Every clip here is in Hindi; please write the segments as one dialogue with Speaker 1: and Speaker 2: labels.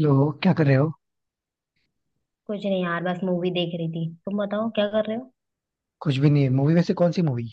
Speaker 1: लो, क्या कर रहे हो।
Speaker 2: कुछ नहीं यार, बस मूवी देख रही थी। तुम बताओ क्या कर रहे हो।
Speaker 1: कुछ भी नहीं है। मूवी वैसे कौन सी मूवी।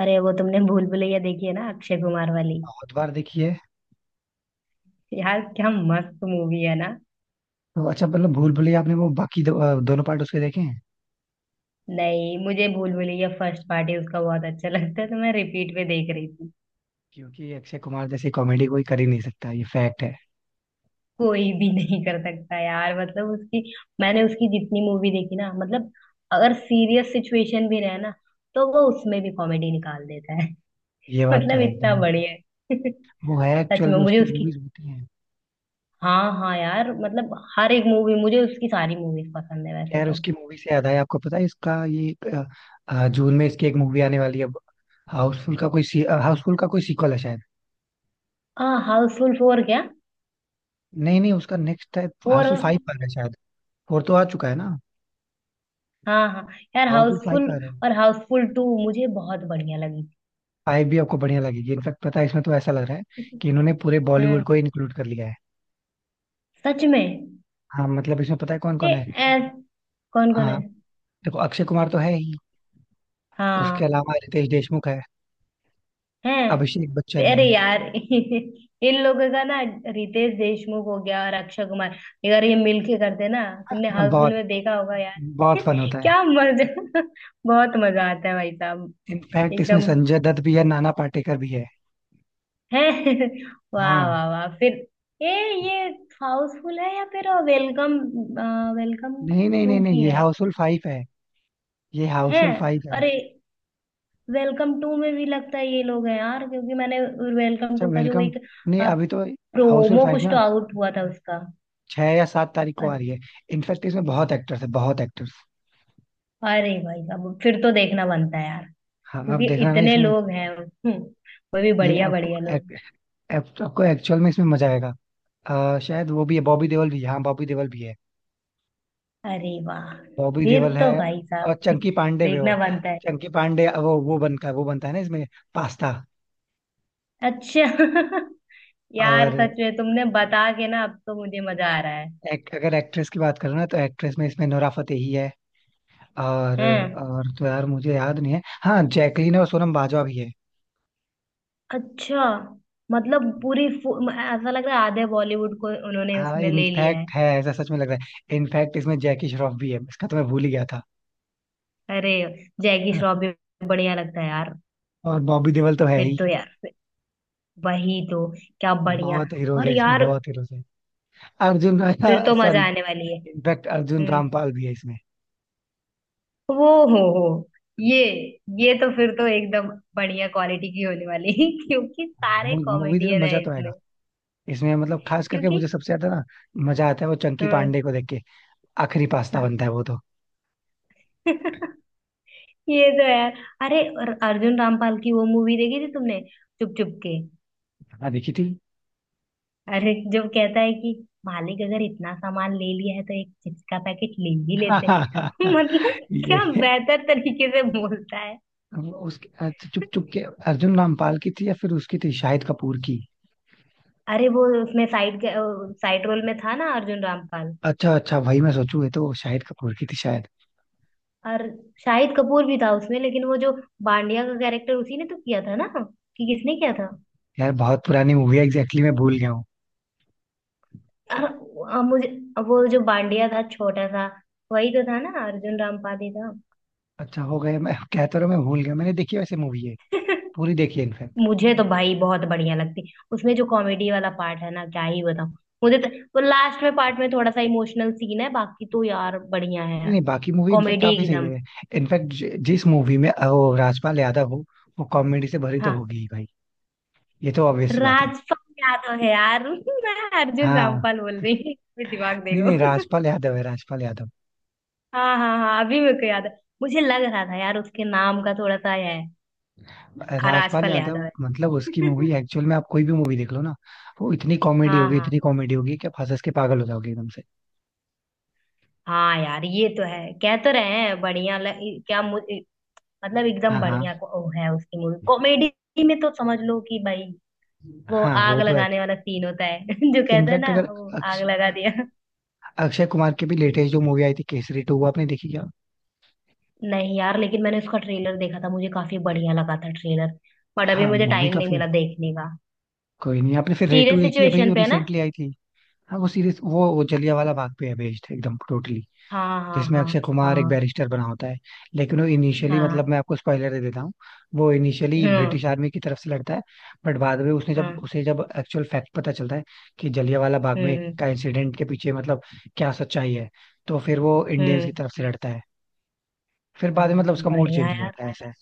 Speaker 2: अरे वो तुमने भूल भुलैया देखी है ना, अक्षय कुमार वाली।
Speaker 1: बहुत बार देखी है।
Speaker 2: यार क्या मस्त मूवी है ना।
Speaker 1: तो अच्छा, मतलब भूल भुलैया आपने वो बाकी दोनों पार्ट उसके देखे हैं।
Speaker 2: नहीं, मुझे भूल भुलैया फर्स्ट पार्ट ही उसका बहुत अच्छा लगता है, तो मैं रिपीट पे देख रही थी।
Speaker 1: क्योंकि अक्षय कुमार जैसी कॉमेडी कोई कर ही नहीं सकता, ये फैक्ट है।
Speaker 2: कोई भी नहीं कर सकता यार, मतलब उसकी, मैंने उसकी जितनी मूवी देखी ना, मतलब अगर सीरियस सिचुएशन भी रहे ना, तो वो उसमें भी कॉमेडी निकाल देता है।
Speaker 1: ये बात तो
Speaker 2: मतलब
Speaker 1: है
Speaker 2: इतना
Speaker 1: एकदम।
Speaker 2: बढ़िया है।
Speaker 1: वो है
Speaker 2: सच
Speaker 1: एक्चुअल
Speaker 2: में
Speaker 1: में,
Speaker 2: मुझे
Speaker 1: उसकी
Speaker 2: उसकी,
Speaker 1: मूवीज होती हैं।
Speaker 2: हाँ हाँ यार, मतलब हर एक मूवी, मुझे उसकी सारी मूवीज पसंद है वैसे
Speaker 1: खैर,
Speaker 2: तो।
Speaker 1: उसकी मूवी से याद आया, आपको पता है इसका ये जून में इसकी एक मूवी आने वाली है। हाउसफुल का कोई सीक्वल है शायद।
Speaker 2: हाँ हाउसफुल 4 क्या।
Speaker 1: नहीं, नहीं, उसका नेक्स्ट है।
Speaker 2: 4।
Speaker 1: हाउसफुल फाइव आ रहा है शायद। फोर तो आ चुका है ना।
Speaker 2: हाँ हाँ। यार
Speaker 1: हाउसफुल फाइव
Speaker 2: हाउसफुल।
Speaker 1: आ रहा है।
Speaker 2: और हाउसफुल 2 मुझे बहुत बढ़िया लगी
Speaker 1: फाइव भी आपको बढ़िया लगेगी। इनफैक्ट पता है, इसमें तो ऐसा लग रहा है
Speaker 2: थी।
Speaker 1: कि इन्होंने पूरे बॉलीवुड
Speaker 2: हम्म।
Speaker 1: को इंक्लूड कर लिया है।
Speaker 2: सच में।
Speaker 1: हाँ, मतलब इसमें पता है कौन
Speaker 2: ये।
Speaker 1: कौन है।
Speaker 2: ऐस। कौन कौन
Speaker 1: हाँ,
Speaker 2: है।
Speaker 1: देखो, अक्षय कुमार तो है ही। उसके
Speaker 2: हाँ।
Speaker 1: अलावा रितेश देशमुख है। अभिषेक बच्चन
Speaker 2: है।
Speaker 1: है।
Speaker 2: अरे यार, इन लोगों का ना, रितेश देशमुख हो गया और अक्षय कुमार। यार ये मिलके करते ना, तुमने
Speaker 1: हाँ,
Speaker 2: हाउसफुल
Speaker 1: बहुत।
Speaker 2: में देखा होगा यार।
Speaker 1: बहुत फन होता है।
Speaker 2: क्या मजा बहुत मजा आता है भाई साहब।
Speaker 1: इनफैक्ट इसमें
Speaker 2: एकदम।
Speaker 1: संजय दत्त भी है, नाना पाटेकर भी है।
Speaker 2: है। वाह
Speaker 1: हाँ।
Speaker 2: वाह वाह फिर। ये। ये हाउसफुल है या फिर वेलकम। वेलकम
Speaker 1: नहीं, नहीं, नहीं,
Speaker 2: टू
Speaker 1: नहीं,
Speaker 2: की
Speaker 1: ये
Speaker 2: है।
Speaker 1: हाउसफुल फाइव है। ये
Speaker 2: है।
Speaker 1: हाउसफुल फाइव है।
Speaker 2: अरे वेलकम 2 में भी लगता है ये लोग हैं यार, क्योंकि मैंने, वेलकम
Speaker 1: अच्छा,
Speaker 2: टू का जो
Speaker 1: वेलकम।
Speaker 2: एक
Speaker 1: नहीं, अभी तो हाउसफुल
Speaker 2: प्रोमो
Speaker 1: फाइव
Speaker 2: कुछ तो
Speaker 1: ना
Speaker 2: आउट हुआ था उसका।
Speaker 1: 6 या 7 तारीख को आ
Speaker 2: अ-
Speaker 1: रही है। इनफैक्ट इसमें बहुत एक्टर्स है, बहुत एक्टर्स।
Speaker 2: अरे भाई, अब फिर तो देखना बनता है यार,
Speaker 1: हाँ, आप
Speaker 2: क्योंकि
Speaker 1: देख रहे ना
Speaker 2: इतने
Speaker 1: इसमें।
Speaker 2: लोग हैं। वो भी
Speaker 1: ये
Speaker 2: बढ़िया
Speaker 1: आपको,
Speaker 2: बढ़िया लोग।
Speaker 1: आपको एक्चुअल में इसमें मजा आएगा। शायद वो भी है, बॉबी देओल भी है, हाँ, बॉबी देओल भी है।
Speaker 2: अरे वाह।
Speaker 1: बॉबी
Speaker 2: फिर
Speaker 1: देओल
Speaker 2: तो
Speaker 1: है।
Speaker 2: भाई
Speaker 1: और
Speaker 2: साहब
Speaker 1: चंकी पांडे भी हो।
Speaker 2: देखना बनता है।
Speaker 1: चंकी पांडे वो बनता है, वो बनता है ना इसमें। पास्ता।
Speaker 2: अच्छा। यार
Speaker 1: और
Speaker 2: सच में तुमने बता के ना, अब तो मुझे मजा आ रहा है।
Speaker 1: अगर एक्ट्रेस की बात करो ना, तो एक्ट्रेस में इसमें नोरा फतेही है। और
Speaker 2: हैं।
Speaker 1: और तो यार मुझे याद नहीं है, हाँ जैकलीन और सोनम बाजवा भी है।
Speaker 2: अच्छा। मतलब पूरी ऐसा लग रहा है आधे बॉलीवुड को उन्होंने
Speaker 1: हाँ,
Speaker 2: उसमें ले लिया है।
Speaker 1: इनफैक्ट है, ऐसा सच में लग रहा है। इनफैक्ट इसमें जैकी श्रॉफ भी है, इसका तो मैं भूल ही गया था।
Speaker 2: अरे जैकी श्रॉफ भी, बढ़िया लगता है यार।
Speaker 1: और बॉबी देओल तो है
Speaker 2: फिर
Speaker 1: ही।
Speaker 2: तो यार वही तो। क्या बढ़िया।
Speaker 1: बहुत हीरोज
Speaker 2: और
Speaker 1: है इसमें,
Speaker 2: यार।
Speaker 1: बहुत हीरोज है। अर्जुन
Speaker 2: फिर तो मजा
Speaker 1: सॉरी।
Speaker 2: आने वाली है।
Speaker 1: इनफैक्ट अर्जुन
Speaker 2: हम्म।
Speaker 1: रामपाल भी है इसमें।
Speaker 2: वो हो हो। ये। ये तो फिर तो एकदम बढ़िया क्वालिटी की होने वाली है, क्योंकि सारे
Speaker 1: मूवी में
Speaker 2: कॉमेडियन है
Speaker 1: मजा तो आएगा।
Speaker 2: इसमें।
Speaker 1: इसमें मतलब खास करके
Speaker 2: क्योंकि।
Speaker 1: मुझे सबसे ज्यादा ना मजा आता है वो चंकी
Speaker 2: हम्म।
Speaker 1: पांडे को देख के। आखिरी पास्ता बनता है वो तो।
Speaker 2: ये तो है यार। अरे और अर्जुन रामपाल की वो मूवी देखी थी तुमने, चुप चुप के।
Speaker 1: हाँ, देखी थी।
Speaker 2: अरे जब कहता है कि मालिक अगर इतना सामान ले लिया है, तो एक चिप्स का पैकेट ले ही लेते। मतलब क्या
Speaker 1: ये
Speaker 2: बेहतर तरीके से बोलता है।
Speaker 1: उसके अच्छा, चुप चुप के अर्जुन रामपाल की थी या फिर उसकी थी शाहिद कपूर की।
Speaker 2: अरे वो उसमें साइड साइड रोल में था ना अर्जुन रामपाल।
Speaker 1: अच्छा, अच्छा, भाई मैं सोचू ये तो शाहिद कपूर की थी शायद।
Speaker 2: और शाहिद कपूर भी था उसमें, लेकिन वो जो बांडिया का कैरेक्टर उसी ने तो किया था ना, कि किसने किया था।
Speaker 1: यार बहुत पुरानी मूवी है, एग्जैक्टली मैं भूल गया हूँ।
Speaker 2: और मुझे वो जो बांडिया था छोटा सा, वही तो था ना, अर्जुन रामपाल ही था।
Speaker 1: अच्छा, हो गया, मैं कहता रहा मैं भूल गया, मैंने देखी वैसे मूवी है। पूरी देखी है इनफैक्ट।
Speaker 2: मुझे तो भाई बहुत बढ़िया लगती। उसमें जो कॉमेडी वाला पार्ट है ना, क्या ही बताऊं। मुझे तो वो लास्ट में पार्ट में थोड़ा सा इमोशनल सीन है, बाकी तो यार बढ़िया
Speaker 1: नहीं,
Speaker 2: है।
Speaker 1: नहीं, बाकी मूवी इनफैक्ट
Speaker 2: कॉमेडी
Speaker 1: काफी सही
Speaker 2: एकदम।
Speaker 1: है। इनफैक्ट जिस मूवी में वो राजपाल यादव हो, वो कॉमेडी से भरी तो
Speaker 2: हाँ,
Speaker 1: होगी ही भाई। ये तो ऑब्वियस सी बात है।
Speaker 2: राजपाल यादव है यार। मैं अर्जुन
Speaker 1: हाँ।
Speaker 2: रामपाल बोल रही हूँ, दिमाग
Speaker 1: नहीं, नहीं,
Speaker 2: देखो।
Speaker 1: राजपाल यादव है, राजपाल यादव।
Speaker 2: हाँ हाँ हाँ, अभी मेरे को याद है। मुझे लग रहा था यार उसके नाम का थोड़ा सा है। हाँ,
Speaker 1: राजपाल
Speaker 2: राजपाल
Speaker 1: यादव
Speaker 2: यादव है।
Speaker 1: मतलब उसकी मूवी एक्चुअल में, आप कोई भी मूवी देख लो ना, वो इतनी कॉमेडी
Speaker 2: हाँ
Speaker 1: होगी,
Speaker 2: हाँ
Speaker 1: इतनी कॉमेडी होगी कि आप हंस हंस के पागल हो जाओगे एकदम से।
Speaker 2: हाँ यार, ये तो है, कह तो रहे हैं बढ़िया लग, क्या मतलब एकदम
Speaker 1: हाँ, हाँ,
Speaker 2: बढ़िया को ओ है उसकी मूवी, कॉमेडी में तो समझ लो कि भाई, वो
Speaker 1: हाँ, वो
Speaker 2: आग
Speaker 1: तो है।
Speaker 2: लगाने वाला सीन होता है जो कहता है
Speaker 1: इनफैक्ट
Speaker 2: ना,
Speaker 1: अगर
Speaker 2: वो आग
Speaker 1: अक्ष,
Speaker 2: लगा दिया।
Speaker 1: अक्षय कुमार की भी लेटेस्ट जो मूवी आई थी केसरी टू, वो आपने देखी क्या।
Speaker 2: नहीं यार, लेकिन मैंने उसका ट्रेलर देखा था, मुझे काफी बढ़िया लगा था ट्रेलर। बट अभी
Speaker 1: हाँ,
Speaker 2: मुझे
Speaker 1: मूवी
Speaker 2: टाइम
Speaker 1: का
Speaker 2: नहीं
Speaker 1: फिर
Speaker 2: मिला देखने का।
Speaker 1: कोई नहीं, आपने फिर रेटू
Speaker 2: सीरियस
Speaker 1: देखी अभी
Speaker 2: सिचुएशन
Speaker 1: जो
Speaker 2: पे है ना।
Speaker 1: रिसेंटली आई थी। हाँ, वो सीरीज वो जलियांवाला बाग पे है बेस्ड एकदम टोटली,
Speaker 2: हाँ हाँ
Speaker 1: जिसमें
Speaker 2: हाँ।
Speaker 1: अक्षय कुमार एक
Speaker 2: हाँ
Speaker 1: बैरिस्टर बना होता है। लेकिन वो इनिशियली, मतलब
Speaker 2: हाँ।
Speaker 1: मैं आपको स्पॉइलर दे देता हूँ, वो इनिशियली
Speaker 2: हम्म।
Speaker 1: ब्रिटिश आर्मी की तरफ से लड़ता है। बट बाद में उसने जब,
Speaker 2: हम्म।
Speaker 1: उसे जब एक्चुअल फैक्ट पता चलता है कि जलियांवाला बाग में
Speaker 2: हम्म।
Speaker 1: का इंसिडेंट के पीछे मतलब क्या सच्चाई है, तो फिर वो इंडियंस की
Speaker 2: हम्म।
Speaker 1: तरफ से लड़ता है। फिर बाद में
Speaker 2: हाँ,
Speaker 1: मतलब उसका मूड
Speaker 2: बढ़िया
Speaker 1: चेंज हो
Speaker 2: यार।
Speaker 1: जाता है, ऐसा है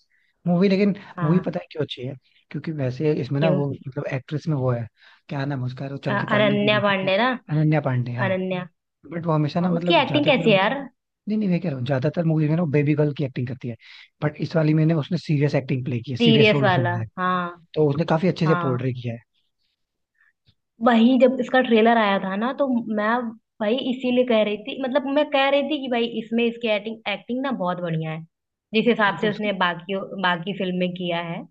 Speaker 1: मूवी लेकिन। मूवी
Speaker 2: हाँ।
Speaker 1: पता है क्यों अच्छी है, क्योंकि वैसे इसमें ना
Speaker 2: क्यों।
Speaker 1: वो मतलब एक्ट्रेस में वो है, क्या नाम है उसका, वो चंकी पांडे की
Speaker 2: अनन्या
Speaker 1: बेटी क्या,
Speaker 2: पांडे ना।
Speaker 1: अनन्या पांडे, हाँ।
Speaker 2: अनन्या।
Speaker 1: बट वो हमेशा
Speaker 2: हाँ,
Speaker 1: ना
Speaker 2: उसकी
Speaker 1: मतलब
Speaker 2: एक्टिंग
Speaker 1: ज्यादातर,
Speaker 2: कैसी है
Speaker 1: नहीं,
Speaker 2: यार।
Speaker 1: नहीं, मैं कह रहा हूँ ज्यादातर मूवी में ना बेबी गर्ल की एक्टिंग करती है, बट इस वाली में ना उसने सीरियस एक्टिंग प्ले की है, सीरियस
Speaker 2: सीरियस
Speaker 1: रोल उसे
Speaker 2: वाला
Speaker 1: मिला है,
Speaker 2: हाँ।
Speaker 1: तो उसने काफी अच्छे से
Speaker 2: हाँ,
Speaker 1: पोर्ट्रे किया है।
Speaker 2: वही जब इसका ट्रेलर आया था ना, तो मैं, भाई इसीलिए कह रही थी, मतलब मैं कह रही थी कि भाई इसमें इसकी एक्टिंग एक्टिंग ना बहुत बढ़िया है, जिस
Speaker 1: हाँ,
Speaker 2: हिसाब
Speaker 1: तो
Speaker 2: से
Speaker 1: उसकी,
Speaker 2: उसने बाकी बाकी फिल्म में किया है,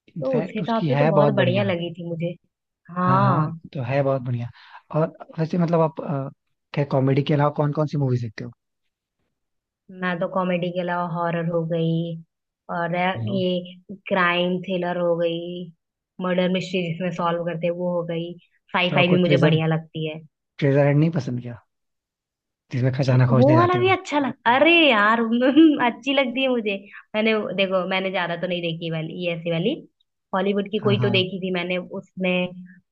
Speaker 2: तो उस
Speaker 1: इनफैक्ट उसकी
Speaker 2: हिसाब से तो
Speaker 1: है बहुत
Speaker 2: बहुत बढ़िया
Speaker 1: बढ़िया।
Speaker 2: लगी थी मुझे।
Speaker 1: हाँ, हाँ,
Speaker 2: हाँ।
Speaker 1: तो है बहुत बढ़िया। और वैसे मतलब आप क्या कॉमेडी के अलावा कौन कौन सी मूवीज देखते हो।
Speaker 2: मैं तो कॉमेडी के अलावा हॉरर हो गई, और
Speaker 1: नो।
Speaker 2: ये क्राइम थ्रिलर हो गई, मर्डर मिस्ट्री जिसमें सॉल्व करते हैं वो हो गई,
Speaker 1: तो
Speaker 2: साईफाई
Speaker 1: आपको
Speaker 2: भी मुझे
Speaker 1: ट्रेजर
Speaker 2: बढ़िया लगती है।
Speaker 1: ट्रेजर हंट नहीं पसंद क्या, जिसमें खजाना
Speaker 2: वो
Speaker 1: खोजने जाते
Speaker 2: वाला भी
Speaker 1: हो।
Speaker 2: अच्छा लग, अरे यार, अच्छी लगती है मुझे। मैंने देखो, मैंने ज्यादा तो नहीं देखी वाली ये ऐसी वाली, हॉलीवुड की
Speaker 1: हाँ,
Speaker 2: कोई तो
Speaker 1: हाँ,
Speaker 2: देखी थी मैंने उसमें,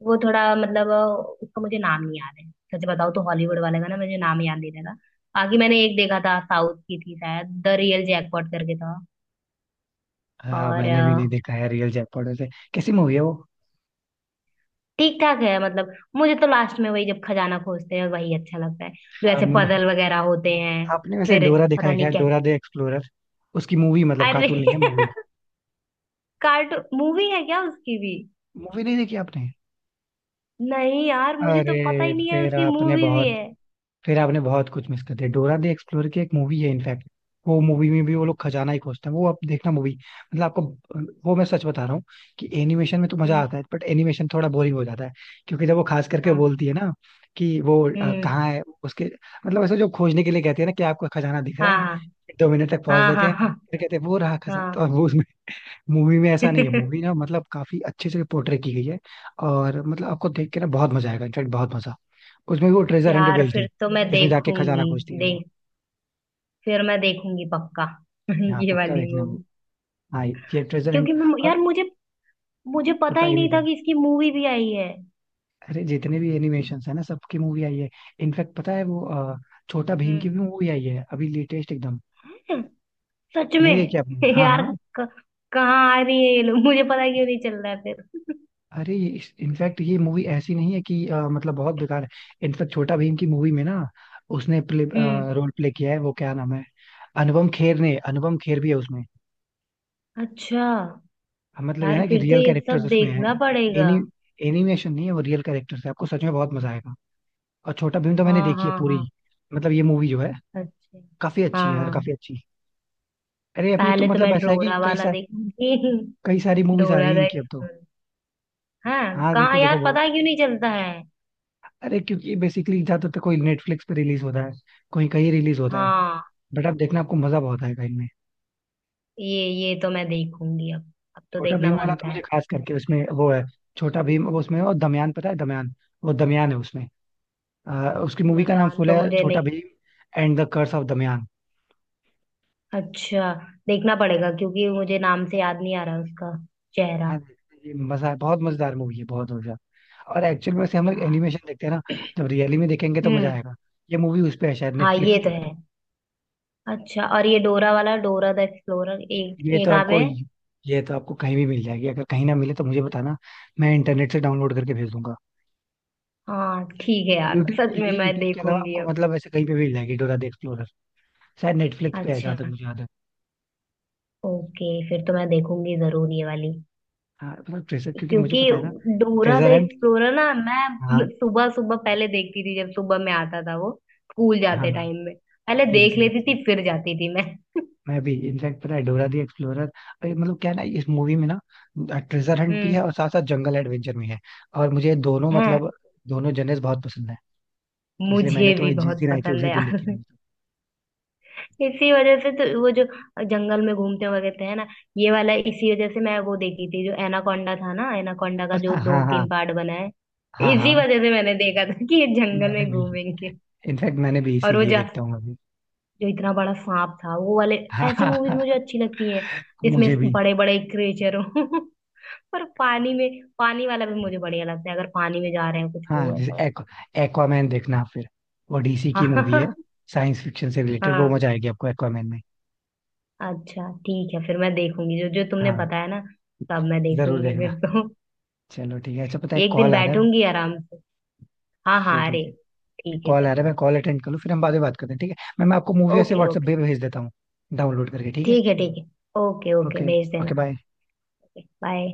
Speaker 2: वो थोड़ा मतलब उसका मुझे नाम नहीं याद है। सच बताओ तो हॉलीवुड वाले का ना मुझे नाम याद नहीं रहा। बाकी मैंने एक देखा था, साउथ की थी शायद, द रियल जैकपॉट करके था।
Speaker 1: हाँ।
Speaker 2: और
Speaker 1: मैंने भी नहीं देखा है रियल जयपॉड वैसे। कैसी मूवी है वो।
Speaker 2: ठीक ठाक है, मतलब मुझे तो लास्ट में वही जब खजाना खोजते हैं वही अच्छा लगता है, जो
Speaker 1: हाँ,
Speaker 2: ऐसे
Speaker 1: मुन-।
Speaker 2: पजल वगैरह होते हैं।
Speaker 1: आपने वैसे
Speaker 2: फिर
Speaker 1: डोरा देखा
Speaker 2: पता
Speaker 1: है क्या,
Speaker 2: नहीं क्या।
Speaker 1: Dora the Explorer. उसकी मूवी, मतलब
Speaker 2: अरे,
Speaker 1: कार्टून नहीं है मूवी,
Speaker 2: कार्टू मूवी है क्या उसकी भी।
Speaker 1: मूवी नहीं देखी आपने।
Speaker 2: नहीं यार, मुझे तो पता
Speaker 1: अरे,
Speaker 2: ही नहीं है
Speaker 1: फिर
Speaker 2: उसकी
Speaker 1: आपने
Speaker 2: मूवी भी
Speaker 1: बहुत
Speaker 2: है।
Speaker 1: फिर आपने बहुत कुछ मिस कर दिया, डोरा द एक्सप्लोरर की एक मूवी है इनफैक्ट। वो मूवी में भी वो लोग खजाना ही खोजते हैं, वो आप देखना मूवी, मतलब आपको वो मैं सच बता रहा हूँ कि एनिमेशन में तो मजा
Speaker 2: हम्म।
Speaker 1: आता है बट एनिमेशन थोड़ा बोरिंग हो जाता है, क्योंकि जब वो खास करके
Speaker 2: हाँ।
Speaker 1: बोलती है ना कि वो
Speaker 2: हम्म।
Speaker 1: कहाँ है उसके, मतलब ऐसे जो खोजने के लिए कहते हैं ना कि आपको खजाना दिख रहा है,
Speaker 2: हाँ
Speaker 1: 2 मिनट तक पहुंच
Speaker 2: हाँ
Speaker 1: देते
Speaker 2: हाँ।
Speaker 1: हैं,
Speaker 2: हाँ।
Speaker 1: फिर कहते हैं वो रहा खजाना तो
Speaker 2: हाँ।
Speaker 1: वो। मूवी में ऐसा नहीं है, मूवी ना मतलब काफी अच्छे से पोर्ट्रे की गई है, और मतलब आपको देख के ना बहुत मजा आएगा, इनफैक्ट बहुत मजा। उसमें भी वो ट्रेजर हंट
Speaker 2: यार
Speaker 1: भेजते हैं,
Speaker 2: फिर तो मैं
Speaker 1: इसमें जाके खजाना
Speaker 2: देखूंगी।
Speaker 1: खोजती है वो।
Speaker 2: देख। फिर मैं देखूंगी पक्का।
Speaker 1: यहाँ
Speaker 2: ये
Speaker 1: पक्का
Speaker 2: वाली
Speaker 1: देखना वो।
Speaker 2: मूवी।
Speaker 1: हाँ, ये ट्रेजर हंट।
Speaker 2: क्योंकि मैं
Speaker 1: और
Speaker 2: यार मुझे मुझे पता
Speaker 1: पता
Speaker 2: ही
Speaker 1: ही
Speaker 2: नहीं
Speaker 1: नहीं
Speaker 2: था
Speaker 1: था।
Speaker 2: कि इसकी मूवी भी आई है।
Speaker 1: अरे, जितने भी एनिमेशन है ना सबकी मूवी आई है। इनफैक्ट पता है वो छोटा भीम की भी
Speaker 2: हम्म।
Speaker 1: मूवी आई है अभी, लेटेस्ट एकदम।
Speaker 2: सच
Speaker 1: नहीं
Speaker 2: में।
Speaker 1: देखी आपने, हाँ,
Speaker 2: यार,
Speaker 1: हाँ।
Speaker 2: क- कहाँ आ रही है ये लोग, मुझे पता क्यों नहीं चल रहा है फिर।
Speaker 1: अरे, ये इनफैक्ट ये मूवी ऐसी नहीं है कि मतलब बहुत बेकार है। इनफैक्ट छोटा भीम की मूवी में ना उसने प्ले,
Speaker 2: हम्म।
Speaker 1: रोल प्ले किया है वो, क्या नाम है, अनुपम खेर ने, अनुपम खेर भी है उसमें।
Speaker 2: अच्छा।
Speaker 1: हाँ, मतलब ये
Speaker 2: यार
Speaker 1: ना कि
Speaker 2: फिर तो
Speaker 1: रियल
Speaker 2: ये
Speaker 1: कैरेक्टर्स
Speaker 2: सब
Speaker 1: उसमें हैं,
Speaker 2: देखना पड़ेगा।
Speaker 1: एनी एनिमेशन नहीं है, वो रियल कैरेक्टर्स है, आपको सच में बहुत मजा आएगा। और छोटा भीम तो मैंने
Speaker 2: हाँ
Speaker 1: देखी है
Speaker 2: हाँ
Speaker 1: पूरी।
Speaker 2: हाँ।
Speaker 1: मतलब ये मूवी जो है
Speaker 2: अच्छा।
Speaker 1: काफी अच्छी है यार,
Speaker 2: हाँ।
Speaker 1: काफी अच्छी। अरे, अभी तो
Speaker 2: पहले तो
Speaker 1: मतलब
Speaker 2: मैं
Speaker 1: ऐसा है कि
Speaker 2: डोरा
Speaker 1: कई
Speaker 2: वाला
Speaker 1: सारी
Speaker 2: देखूंगी।
Speaker 1: कई सारी मूवीज आ रही
Speaker 2: डोरा
Speaker 1: हैं
Speaker 2: का
Speaker 1: इनकी अब तो।
Speaker 2: एक्सप्लोर। हाँ,
Speaker 1: हाँ, देखो,
Speaker 2: कहाँ
Speaker 1: देखो,
Speaker 2: यार
Speaker 1: बहुत।
Speaker 2: पता है क्यों नहीं चलता है।
Speaker 1: अरे, क्योंकि बेसिकली ज्यादातर तो कोई नेटफ्लिक्स पे रिलीज होता है, कोई कहीं रिलीज होता है।
Speaker 2: हाँ
Speaker 1: बट अब देखना, आपको मजा बहुत आएगा इनमें।
Speaker 2: ये तो मैं देखूंगी अब। अब तो
Speaker 1: छोटा
Speaker 2: देखना
Speaker 1: भीम वाला तो
Speaker 2: बनता है।
Speaker 1: मुझे खास करके उसमें वो है। छोटा भीम वो उसमें है, और दमयान, पता है दमयान, वो दमयान है उसमें। अ, उसकी मूवी का नाम
Speaker 2: दमयान
Speaker 1: फुल
Speaker 2: तो
Speaker 1: है
Speaker 2: मुझे
Speaker 1: छोटा
Speaker 2: नहीं।
Speaker 1: Bheem and the curse of Damyaan.
Speaker 2: अच्छा। देखना पड़ेगा क्योंकि मुझे नाम से याद नहीं आ रहा उसका
Speaker 1: हाँ,
Speaker 2: चेहरा।
Speaker 1: ये मजा है, बहुत मजेदार मूवी है, बहुत मजा। और एक्चुअल में से हम लोग
Speaker 2: यार।
Speaker 1: एनिमेशन देखते हैं ना, जब रियली में देखेंगे तो मजा
Speaker 2: हम्म।
Speaker 1: आएगा। ये मूवी उस पे है शायद,
Speaker 2: हाँ
Speaker 1: नेटफ्लिक्स
Speaker 2: ये तो
Speaker 1: पे।
Speaker 2: है। अच्छा, और ये डोरा वाला डोरा द एक्सप्लोरर एक
Speaker 1: ये
Speaker 2: ये
Speaker 1: तो
Speaker 2: कहाँ पे
Speaker 1: आपको
Speaker 2: है।
Speaker 1: ये तो आपको कहीं भी मिल जाएगी, अगर कहीं ना मिले तो मुझे बताना, मैं इंटरनेट से डाउनलोड करके भेज दूंगा।
Speaker 2: हाँ ठीक है यार,
Speaker 1: यूट्यूब पे
Speaker 2: सच
Speaker 1: नहीं
Speaker 2: में
Speaker 1: है,
Speaker 2: मैं
Speaker 1: यूट्यूब के अलावा
Speaker 2: देखूंगी
Speaker 1: आपको
Speaker 2: अब।
Speaker 1: मतलब ऐसे कहीं पे भी मिल जाएगी डोरा द एक्सप्लोरर। शायद नेटफ्लिक्स पे है जहाँ
Speaker 2: अच्छा।
Speaker 1: तक मुझे याद है।
Speaker 2: ओके, फिर तो मैं देखूंगी जरूर ये वाली।
Speaker 1: हाँ, मतलब ट्रेजर, क्योंकि मुझे
Speaker 2: क्योंकि
Speaker 1: पता है ना
Speaker 2: Dora the
Speaker 1: treasure hunt.
Speaker 2: Explorer ना, मैं
Speaker 1: हाँ,
Speaker 2: सुबह सुबह पहले देखती थी जब सुबह में आता था वो, स्कूल
Speaker 1: हाँ,
Speaker 2: जाते
Speaker 1: हाँ,
Speaker 2: टाइम में पहले देख लेती
Speaker 1: एग्जैक्टली।
Speaker 2: थी, फिर जाती थी मैं।
Speaker 1: मैं भी इनफैक्ट, पता है डोरा दी एक्सप्लोरर, मतलब क्या है ना, इस मूवी में ना ट्रेजर हंट भी है और
Speaker 2: हम्म।
Speaker 1: साथ साथ जंगल एडवेंचर भी है, और मुझे दोनों
Speaker 2: हाँ।
Speaker 1: मतलब दोनों जनर्स बहुत पसंद है, तो इसलिए मैंने
Speaker 2: मुझे
Speaker 1: तो
Speaker 2: भी
Speaker 1: ये जिस
Speaker 2: बहुत
Speaker 1: दिन आई थी
Speaker 2: पसंद
Speaker 1: उसी
Speaker 2: है
Speaker 1: दिन देखी
Speaker 2: यार।
Speaker 1: मैंने तो।
Speaker 2: इसी वजह से तो वो जो जंगल में घूमते वगैरह है ना, ये वाला इसी वजह से मैं वो देखी थी, जो एनाकोंडा था ना, एनाकोंडा का जो
Speaker 1: अच्छा,
Speaker 2: दो
Speaker 1: हाँ, हाँ,
Speaker 2: तीन पार्ट बना है।
Speaker 1: हाँ, हाँ।
Speaker 2: इसी
Speaker 1: हाँ,
Speaker 2: वजह से मैंने देखा था कि ये जंगल
Speaker 1: मैंने
Speaker 2: में
Speaker 1: भी,
Speaker 2: घूमेंगे।
Speaker 1: इनफैक्ट मैंने भी
Speaker 2: और वो
Speaker 1: इसीलिए
Speaker 2: जा
Speaker 1: देखता हूँ अभी।
Speaker 2: जो इतना बड़ा सांप था वो वाले,
Speaker 1: हाँ,
Speaker 2: ऐसी
Speaker 1: हाँ,
Speaker 2: मूवीज
Speaker 1: हाँ,
Speaker 2: मुझे अच्छी लगती हैं, जिसमें
Speaker 1: मुझे भी।
Speaker 2: बड़े बड़े क्रिएचर हो। पर पानी में, पानी वाला भी मुझे बढ़िया लगता है, अगर पानी में जा रहे हैं कुछ
Speaker 1: हाँ,
Speaker 2: हो
Speaker 1: जैसे
Speaker 2: ऐसा।
Speaker 1: एक्वामैन देखना आप फिर, वो डीसी की मूवी है,
Speaker 2: हाँ।
Speaker 1: साइंस फिक्शन से रिलेटेड, वो
Speaker 2: हाँ,
Speaker 1: मजा आएगी आपको एक्वामैन में।
Speaker 2: अच्छा ठीक है, फिर मैं देखूंगी जो जो तुमने
Speaker 1: हाँ,
Speaker 2: बताया ना, सब मैं
Speaker 1: जरूर
Speaker 2: देखूंगी
Speaker 1: देखना।
Speaker 2: फिर तो।
Speaker 1: चलो, ठीक है, अच्छा पता है,
Speaker 2: एक दिन
Speaker 1: कॉल आ रहा है।
Speaker 2: बैठूंगी आराम से। हाँ
Speaker 1: ठीक है,
Speaker 2: हाँ
Speaker 1: ठीक
Speaker 2: अरे,
Speaker 1: है।
Speaker 2: ठीक है
Speaker 1: कॉल आ
Speaker 2: कर
Speaker 1: रहा है, मैं
Speaker 2: लो।
Speaker 1: कॉल अटेंड कर लूँ, फिर हम बाद में बात करते हैं, ठीक है। मैं आपको मूवी ऐसे
Speaker 2: ओके
Speaker 1: व्हाट्सएप
Speaker 2: ओके।
Speaker 1: पे भेज देता हूँ, डाउनलोड करके, ठीक है।
Speaker 2: ठीक है ठीक है। ओके ओके,
Speaker 1: ओके,
Speaker 2: भेज देना।
Speaker 1: Okay bye.
Speaker 2: Okay bye.